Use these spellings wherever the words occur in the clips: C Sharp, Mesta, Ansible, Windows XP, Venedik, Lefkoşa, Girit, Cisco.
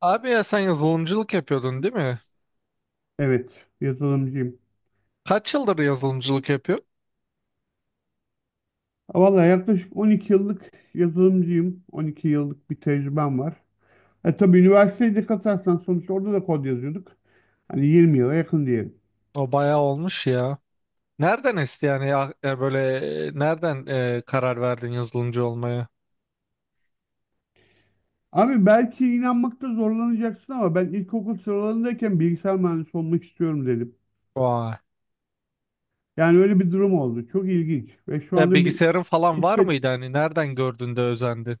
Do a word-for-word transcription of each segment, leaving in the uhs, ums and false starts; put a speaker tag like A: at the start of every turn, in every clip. A: Abi ya sen yazılımcılık yapıyordun, değil mi?
B: Evet, yazılımcıyım.
A: Kaç yıldır yazılımcılık yapıyor?
B: Valla yaklaşık on iki yıllık yazılımcıyım. on iki yıllık bir tecrübem var. E tabii üniversiteyi de katarsan sonuçta orada da kod yazıyorduk. Hani yirmi yıla yakın diyelim.
A: O bayağı olmuş ya. Nereden esti yani ya, ya böyle e, nereden e, karar verdin yazılımcı olmaya?
B: Abi belki inanmakta zorlanacaksın ama ben ilkokul sıralarındayken bilgisayar mühendisi olmak istiyorum dedim.
A: Vay.
B: Yani öyle bir durum oldu. Çok ilginç. Ve şu
A: Ya
B: anda bir...
A: bilgisayarın falan var
B: işte
A: mıydı, hani nereden gördün de özendin?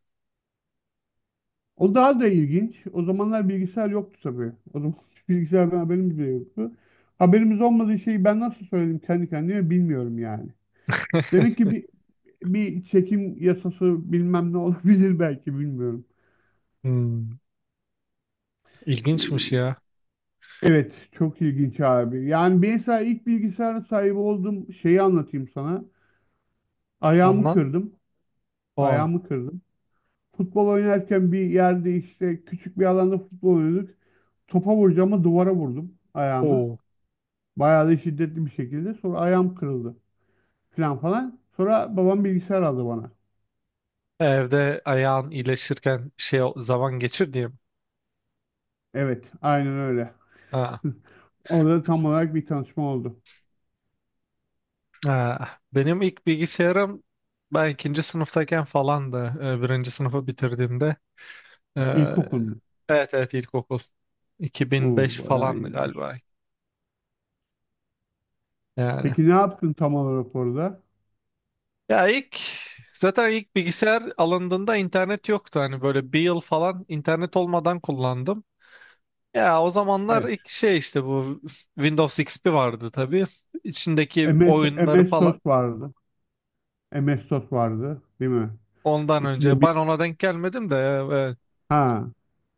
B: o daha da ilginç. O zamanlar bilgisayar yoktu tabii. O zaman bilgisayardan haberimiz bile yoktu. Haberimiz olmadığı şeyi ben nasıl söyledim kendi kendime bilmiyorum yani. Demek ki bir, bir çekim yasası bilmem ne olabilir belki bilmiyorum.
A: Hmm, ilginçmiş
B: Ee,
A: ya.
B: Evet çok ilginç abi. Yani ben mesela ilk bilgisayara sahip olduğum şeyi anlatayım sana. Ayağımı
A: Anlat.
B: kırdım.
A: Aa,
B: Ayağımı kırdım. Futbol oynarken bir yerde işte küçük bir alanda futbol oynuyorduk. Topa vuracağımı duvara vurdum ayağımı.
A: oo.
B: Bayağı da şiddetli bir şekilde. Sonra ayağım kırıldı falan falan. Sonra babam bilgisayar aldı bana.
A: Evde ayağın iyileşirken şey o- zaman geçir diye.
B: Evet aynen öyle.
A: Ha.
B: Orada tam olarak bir tanışma oldu.
A: Ha. Benim ilk bilgisayarım ben ikinci sınıftayken falandı. Ee, Birinci sınıfı bitirdiğimde. Ee,
B: İlkokulda.
A: evet evet ilkokul. iki bin beş
B: Oo, bayağı
A: falandı
B: iyiymiş.
A: galiba. Yani.
B: Peki ne yaptın tam olarak orada?
A: Ya ilk, zaten ilk bilgisayar alındığında internet yoktu. Hani böyle bir yıl falan internet olmadan kullandım. Ya o zamanlar
B: Evet.
A: ilk şey işte bu Windows X P vardı tabii. İçindeki
B: MS,
A: oyunları
B: M S sos
A: falan
B: vardı. M S sos vardı, değil mi?
A: ondan
B: İçinde
A: önce.
B: bir
A: Ben ona denk gelmedim de ya, evet.
B: ha,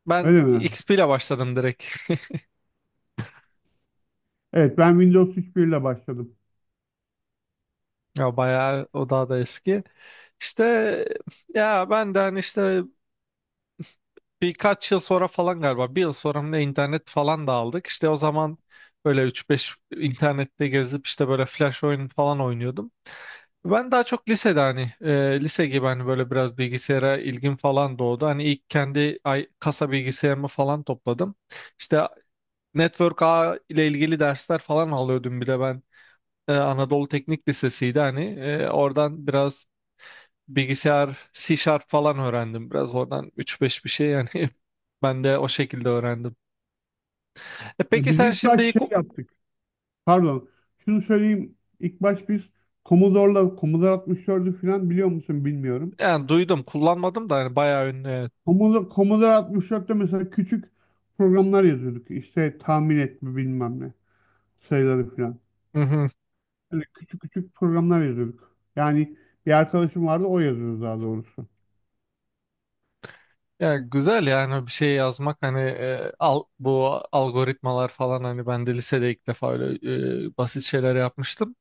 A: Ben
B: öyle mi?
A: X P ile başladım direkt.
B: Evet, ben Windows üç nokta bir ile başladım.
A: Ya bayağı o daha da eski. İşte ya ben de hani işte birkaç yıl sonra falan, galiba bir yıl sonra mı ne internet falan da aldık. İşte o zaman böyle üç beş internette gezip işte böyle flash oyun falan oynuyordum. Ben daha çok lisede hani e, lise gibi hani böyle biraz bilgisayara ilgim falan doğdu. Hani ilk kendi ay, kasa bilgisayarımı falan topladım. İşte network ağ ile ilgili dersler falan alıyordum bir de ben. E, Anadolu Teknik Lisesi'ydi hani, E, oradan biraz bilgisayar C Sharp falan öğrendim. Biraz oradan üç beş bir şey yani ben de o şekilde öğrendim. E
B: E,
A: peki
B: Biz
A: sen
B: ilk
A: şimdi
B: baş şey
A: ilk-
B: yaptık. Pardon. Şunu söyleyeyim. İlk baş biz Commodore'la Commodore altmış dörtü falan biliyor musun bilmiyorum.
A: yani duydum, kullanmadım da hani bayağı ünlü, evet.
B: Commodore, Commodore altmış dörtte mesela küçük programlar yazıyorduk. İşte tahmin etme bilmem ne sayıları falan.
A: Hı hı.
B: Hani küçük küçük programlar yazıyorduk. Yani bir arkadaşım vardı, o yazıyordu daha doğrusu.
A: Ya güzel yani bir şey yazmak, hani e, al, bu algoritmalar falan, hani ben de lisede ilk defa öyle e, basit şeyler yapmıştım.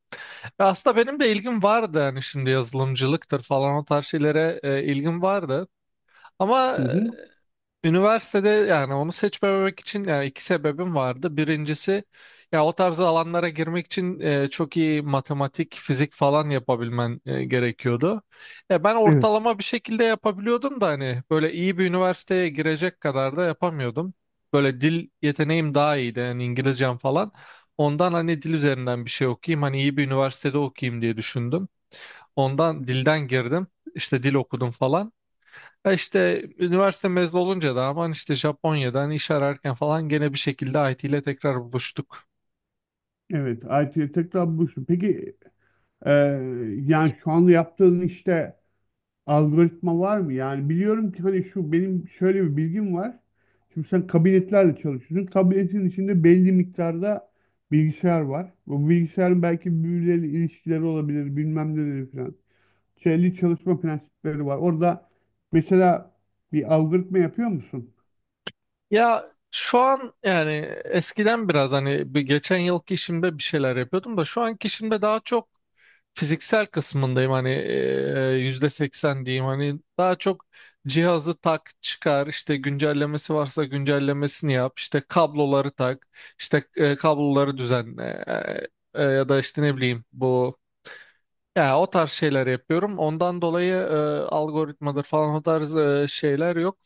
A: Ve aslında benim de ilgim vardı yani şimdi yazılımcılıktır falan, o tarz şeylere e, ilgim vardı. Ama
B: Hı
A: e,
B: hı.
A: üniversitede yani onu seçmemek için yani iki sebebim vardı. Birincisi ya o tarz alanlara girmek için e, çok iyi matematik, fizik falan yapabilmen e, gerekiyordu. E, ben
B: Evet.
A: ortalama bir şekilde yapabiliyordum da hani böyle iyi bir üniversiteye girecek kadar da yapamıyordum. Böyle dil yeteneğim daha iyiydi yani, İngilizcem falan. Ondan hani dil üzerinden bir şey okuyayım, hani iyi bir üniversitede okuyayım diye düşündüm. Ondan dilden girdim, işte dil okudum falan. Ya işte üniversite mezunu olunca da aman işte Japonya'dan iş ararken falan gene bir şekilde I T ile tekrar buluştuk.
B: Evet, I T'ye tekrar buluştum. Peki e, yani şu anda yaptığın işte algoritma var mı? Yani biliyorum ki hani şu, benim şöyle bir bilgim var. Şimdi sen kabinetlerle çalışıyorsun. Kabinetin içinde belli miktarda bilgisayar var. Bu bilgisayarın belki birbirleriyle ilişkileri olabilir, bilmem neleri falan. Şeyli çalışma prensipleri var. Orada mesela bir algoritma yapıyor musun?
A: Ya şu an yani eskiden biraz hani bir geçen yılki işimde bir şeyler yapıyordum da şu anki işimde daha çok fiziksel kısmındayım, hani e, yüzde seksen diyeyim, hani daha çok cihazı tak çıkar, işte güncellemesi varsa güncellemesini yap, işte kabloları tak, işte e, kabloları düzenle, e, e, ya da işte ne bileyim bu. Ya o tarz şeyler yapıyorum. Ondan dolayı e, algoritmadır falan, o tarz e, şeyler yok.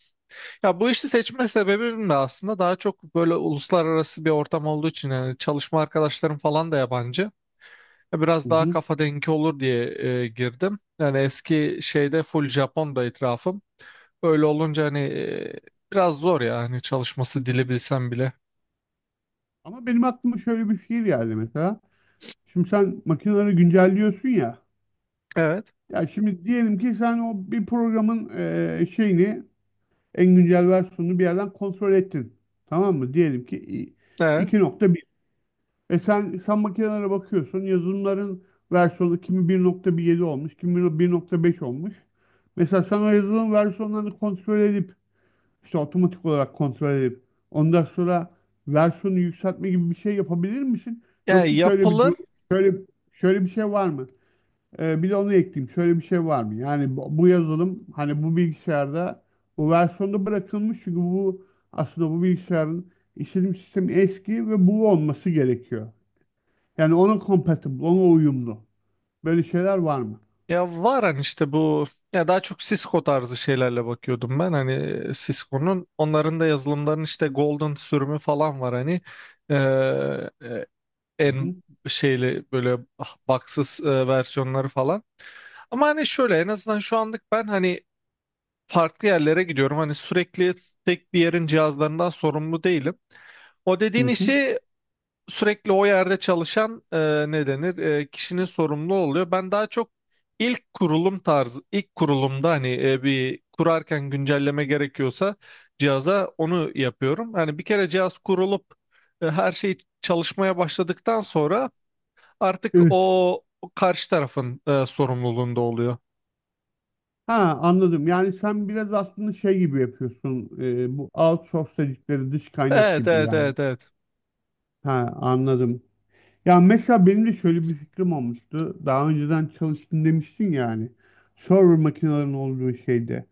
A: Ya bu işi seçme sebebim de aslında daha çok böyle uluslararası bir ortam olduğu için, yani çalışma arkadaşlarım falan da yabancı. Ya
B: Hı
A: biraz daha
B: hı.
A: kafa dengi olur diye e, girdim. Yani eski şeyde full Japon'da etrafım. Öyle olunca hani e, biraz zor ya hani, çalışması, dili bilsem bile.
B: Ama benim aklıma şöyle bir şey geldi mesela. Şimdi sen makineleri güncelliyorsun ya.
A: Evet.
B: Ya şimdi diyelim ki sen o bir programın eee, şeyini, en güncel versiyonunu bir yerden kontrol ettin. Tamam mı? Diyelim ki i-
A: Evet.
B: iki nokta bir. E sen, sen makinelere bakıyorsun. Yazılımların versiyonu kimi bir nokta on yedi olmuş, kimi bir nokta beş olmuş. Mesela sen o yazılım versiyonlarını kontrol edip, işte otomatik olarak kontrol edip, ondan sonra versiyonu yükseltme gibi bir şey yapabilir misin?
A: Yani
B: Yoksa şöyle bir
A: yapılı
B: durum, şöyle şöyle bir şey var mı? Ee, bir de onu ekleyeyim. Şöyle bir şey var mı? Yani bu, bu yazılım hani bu bilgisayarda bu versiyonda bırakılmış, çünkü bu aslında bu bilgisayarın işletim sistemi eski ve bu olması gerekiyor. Yani ona compatible, ona uyumlu. Böyle şeyler var mı?
A: Ya var hani işte bu, ya daha çok Cisco tarzı şeylerle bakıyordum ben, hani Cisco'nun, onların da yazılımlarının işte Golden sürümü falan var hani. Ee, e,
B: Hı
A: en
B: hı.
A: şeyli böyle baksız versiyonları falan, ama hani şöyle en azından şu anlık ben hani farklı yerlere gidiyorum hani, sürekli tek bir yerin cihazlarından sorumlu değilim. O dediğin
B: Hı
A: işi sürekli o yerde çalışan e, ne denir e, kişinin sorumlu oluyor. Ben daha çok ilk kurulum tarzı, ilk kurulumda hani e, bir kurarken güncelleme gerekiyorsa cihaza onu yapıyorum. Hani bir kere cihaz kurulup e, her şey çalışmaya başladıktan sonra artık
B: hı.
A: o, o karşı tarafın e, sorumluluğunda oluyor.
B: Ha, anladım. Yani sen biraz aslında şey gibi yapıyorsun. E, bu outsource dedikleri, dış kaynak
A: Evet,
B: gibi
A: evet,
B: yani.
A: evet, evet.
B: Ha, anladım. Ya mesela benim de şöyle bir fikrim olmuştu. Daha önceden çalıştım demiştin yani. Server makinelerin olduğu şeyde.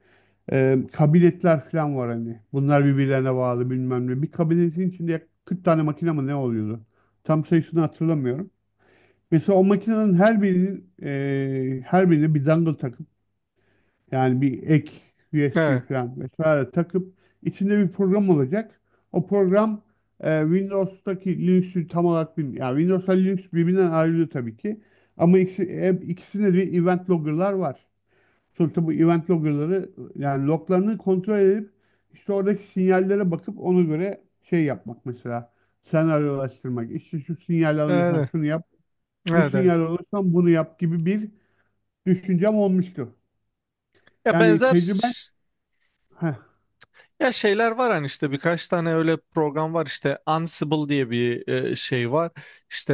B: E, kabiletler falan var hani. Bunlar birbirlerine bağlı, bilmem ne. Bir kabiletin içinde yaklaşık kırk tane makine mi ne oluyordu? Tam sayısını hatırlamıyorum. Mesela o makinenin her birinin e, her birine bir dangle. Yani bir ek U S B
A: Evet,
B: falan vesaire takıp içinde bir program olacak. O program e, Windows'taki Linux'ü tam olarak bilmiyor. Yani Windows'la Linux birbirinden ayrılıyor tabii ki. Ama ikisi, e, ikisinde de event logger'lar var. Sonuçta bu event logger'ları, yani loglarını kontrol edip, işte oradaki sinyallere bakıp ona göre şey yapmak mesela. Senaryolaştırmak. İşte şu sinyal alıyorsan
A: evet,
B: şunu yap. Bu
A: evet. Evet.
B: sinyal alıyorsan bunu yap gibi bir düşüncem olmuştu.
A: Ya
B: Yani
A: benzer
B: tecrüben. Heh.
A: Ya şeyler var hani, işte birkaç tane öyle program var, işte Ansible diye bir e, şey var işte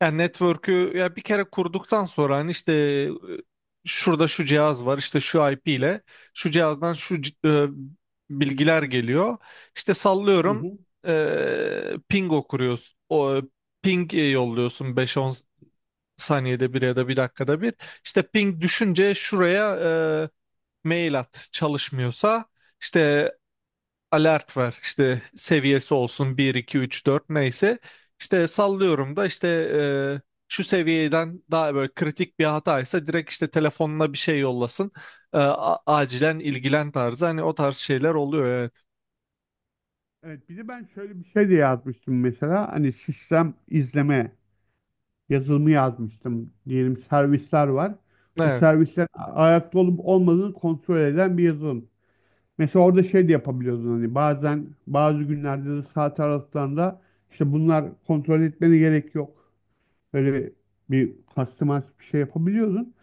A: e, ya network'ü ya bir kere kurduktan sonra hani işte e, şurada şu cihaz var, işte şu I P ile şu cihazdan şu c- e, bilgiler geliyor, işte
B: Hı
A: sallıyorum,
B: hı.
A: e, ping okuruyorsun, o ping e, yolluyorsun beş on saniyede bir ya da bir dakikada bir, işte ping düşünce şuraya e, mail at çalışmıyorsa. İşte alert var. İşte seviyesi olsun bir iki üç dört, neyse. İşte sallıyorum da işte e, şu seviyeden daha böyle kritik bir hataysa direkt işte telefonuna bir şey yollasın. E, a- acilen ilgilen tarzı, hani o tarz şeyler oluyor, evet.
B: Evet, bir de ben şöyle bir şey de yazmıştım mesela. Hani sistem izleme yazılımı yazmıştım, diyelim servisler var. O
A: Evet.
B: servisler a- ayakta olup olmadığını kontrol eden bir yazılım. Mesela orada şey de yapabiliyordun, hani bazen bazı günlerde de saat aralıklarında işte bunlar kontrol etmene gerek yok. Böyle bir customized bir şey yapabiliyordun.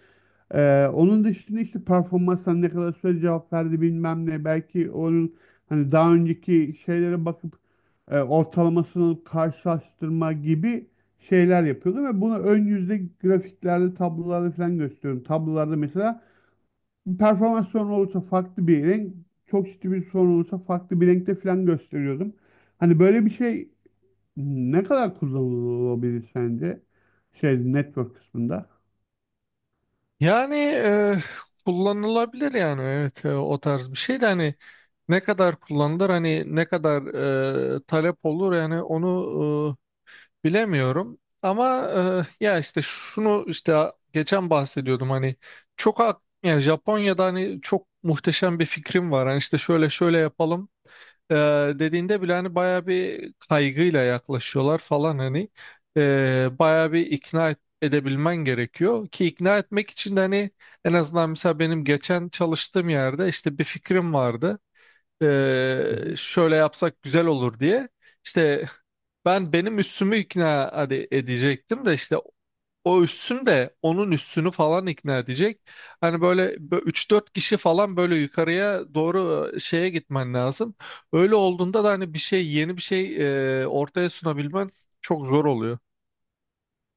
B: Ee, onun dışında işte performansına ne kadar süre cevap verdi bilmem ne. Belki onun hani daha önceki şeylere bakıp e, ortalamasını karşılaştırma gibi şeyler yapıyordu ve bunu ön yüzde grafiklerde, tablolarda falan gösteriyorum. Tablolarda mesela bir performans sorunu olursa farklı bir renk, çok ciddi bir sorun olursa farklı bir renkte falan gösteriyordum. Hani böyle bir şey ne kadar kullanılabilir sence? Şey, network kısmında.
A: Yani e, kullanılabilir yani, evet, e, o tarz bir şey de hani ne kadar kullanılır, hani ne kadar e, talep olur, yani onu bilemiyorum ama e, ya işte şunu işte geçen bahsediyordum hani, çok ak- yani Japonya'da hani çok muhteşem bir fikrim var. Hani işte şöyle şöyle yapalım e, dediğinde bile hani baya bir kaygıyla yaklaşıyorlar falan hani, e, baya bir ikna et- edebilmen gerekiyor ki, ikna etmek için de hani en azından mesela benim geçen çalıştığım yerde işte bir fikrim vardı.
B: Hı
A: Ee,
B: hı.
A: şöyle yapsak güzel olur diye. İşte ben benim üssümü ikna hadi edecektim de işte, o üssüm de onun üssünü falan ikna edecek. Hani böyle üç dört kişi falan böyle yukarıya doğru şeye gitmen lazım. Öyle olduğunda da hani bir şey, yeni bir şey e, ortaya sunabilmen çok zor oluyor.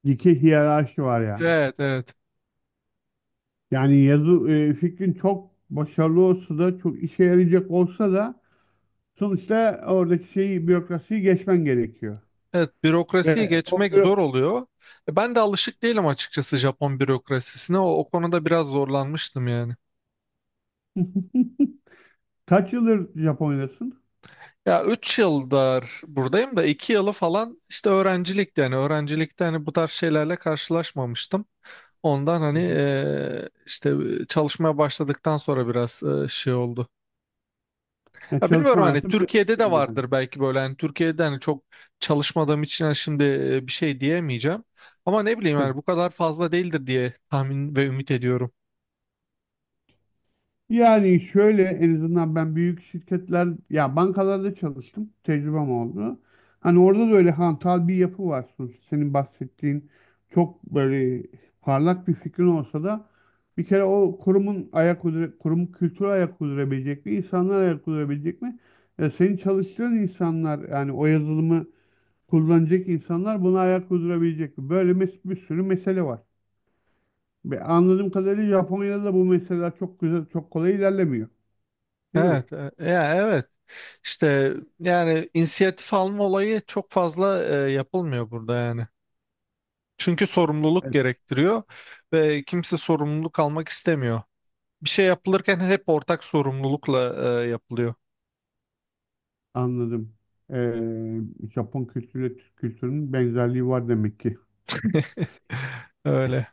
B: İki hiyerarşi var yani.
A: Evet, evet.
B: Yani yazı e, fikrin çok başarılı olsa da, çok işe yarayacak olsa da sonuçta oradaki şeyi, bürokrasiyi geçmen gerekiyor.
A: Evet, bürokrasiyi
B: Ve o
A: geçmek zor
B: bü-
A: oluyor. E, Ben de alışık değilim açıkçası Japon bürokrasisine. O, o konuda biraz zorlanmıştım yani.
B: Kaç yıldır Japonya'dasın?
A: Ya üç yıldır buradayım da iki yılı falan işte öğrencilikti. Yani öğrencilikte hani bu tarz şeylerle karşılaşmamıştım. Ondan
B: Hı
A: hani
B: hı.
A: eee, işte çalışmaya başladıktan sonra biraz eee, şey oldu.
B: Yani
A: Ya bilmiyorum
B: çalışma
A: hani
B: hayatın bir
A: Türkiye'de de
B: şey geldi.
A: vardır belki böyle. Hani Türkiye'de hani çok çalışmadığım için hani şimdi eee, bir şey diyemeyeceğim. Ama ne bileyim yani bu kadar fazla değildir diye tahmin ve ümit ediyorum.
B: Yani şöyle, en azından ben büyük şirketler, ya bankalarda çalıştım. Tecrübem oldu. Hani orada da öyle hantal bir yapı var sonuçta. Senin bahsettiğin çok böyle parlak bir fikrin olsa da, bir kere o kurumun ayak uydura, kurum kültürü ayak uydurabilecek mi? İnsanlar ayak uydurabilecek mi? Ya senin çalıştığın insanlar, yani o yazılımı kullanacak insanlar buna ayak uydurabilecek mi? Böyle mes bir sürü mesele var. Ve anladığım kadarıyla Japonya'da da bu meseleler çok güzel, çok kolay ilerlemiyor. Değil mi?
A: Evet, e, ya evet. İşte yani inisiyatif alma olayı çok fazla eee, yapılmıyor burada yani. Çünkü sorumluluk
B: Evet,
A: gerektiriyor ve kimse sorumluluk almak istemiyor. Bir şey yapılırken hep ortak sorumlulukla e, yapılıyor.
B: anladım. Ee, Japon kültürüyle Türk kültürünün benzerliği var demek ki.
A: Öyle.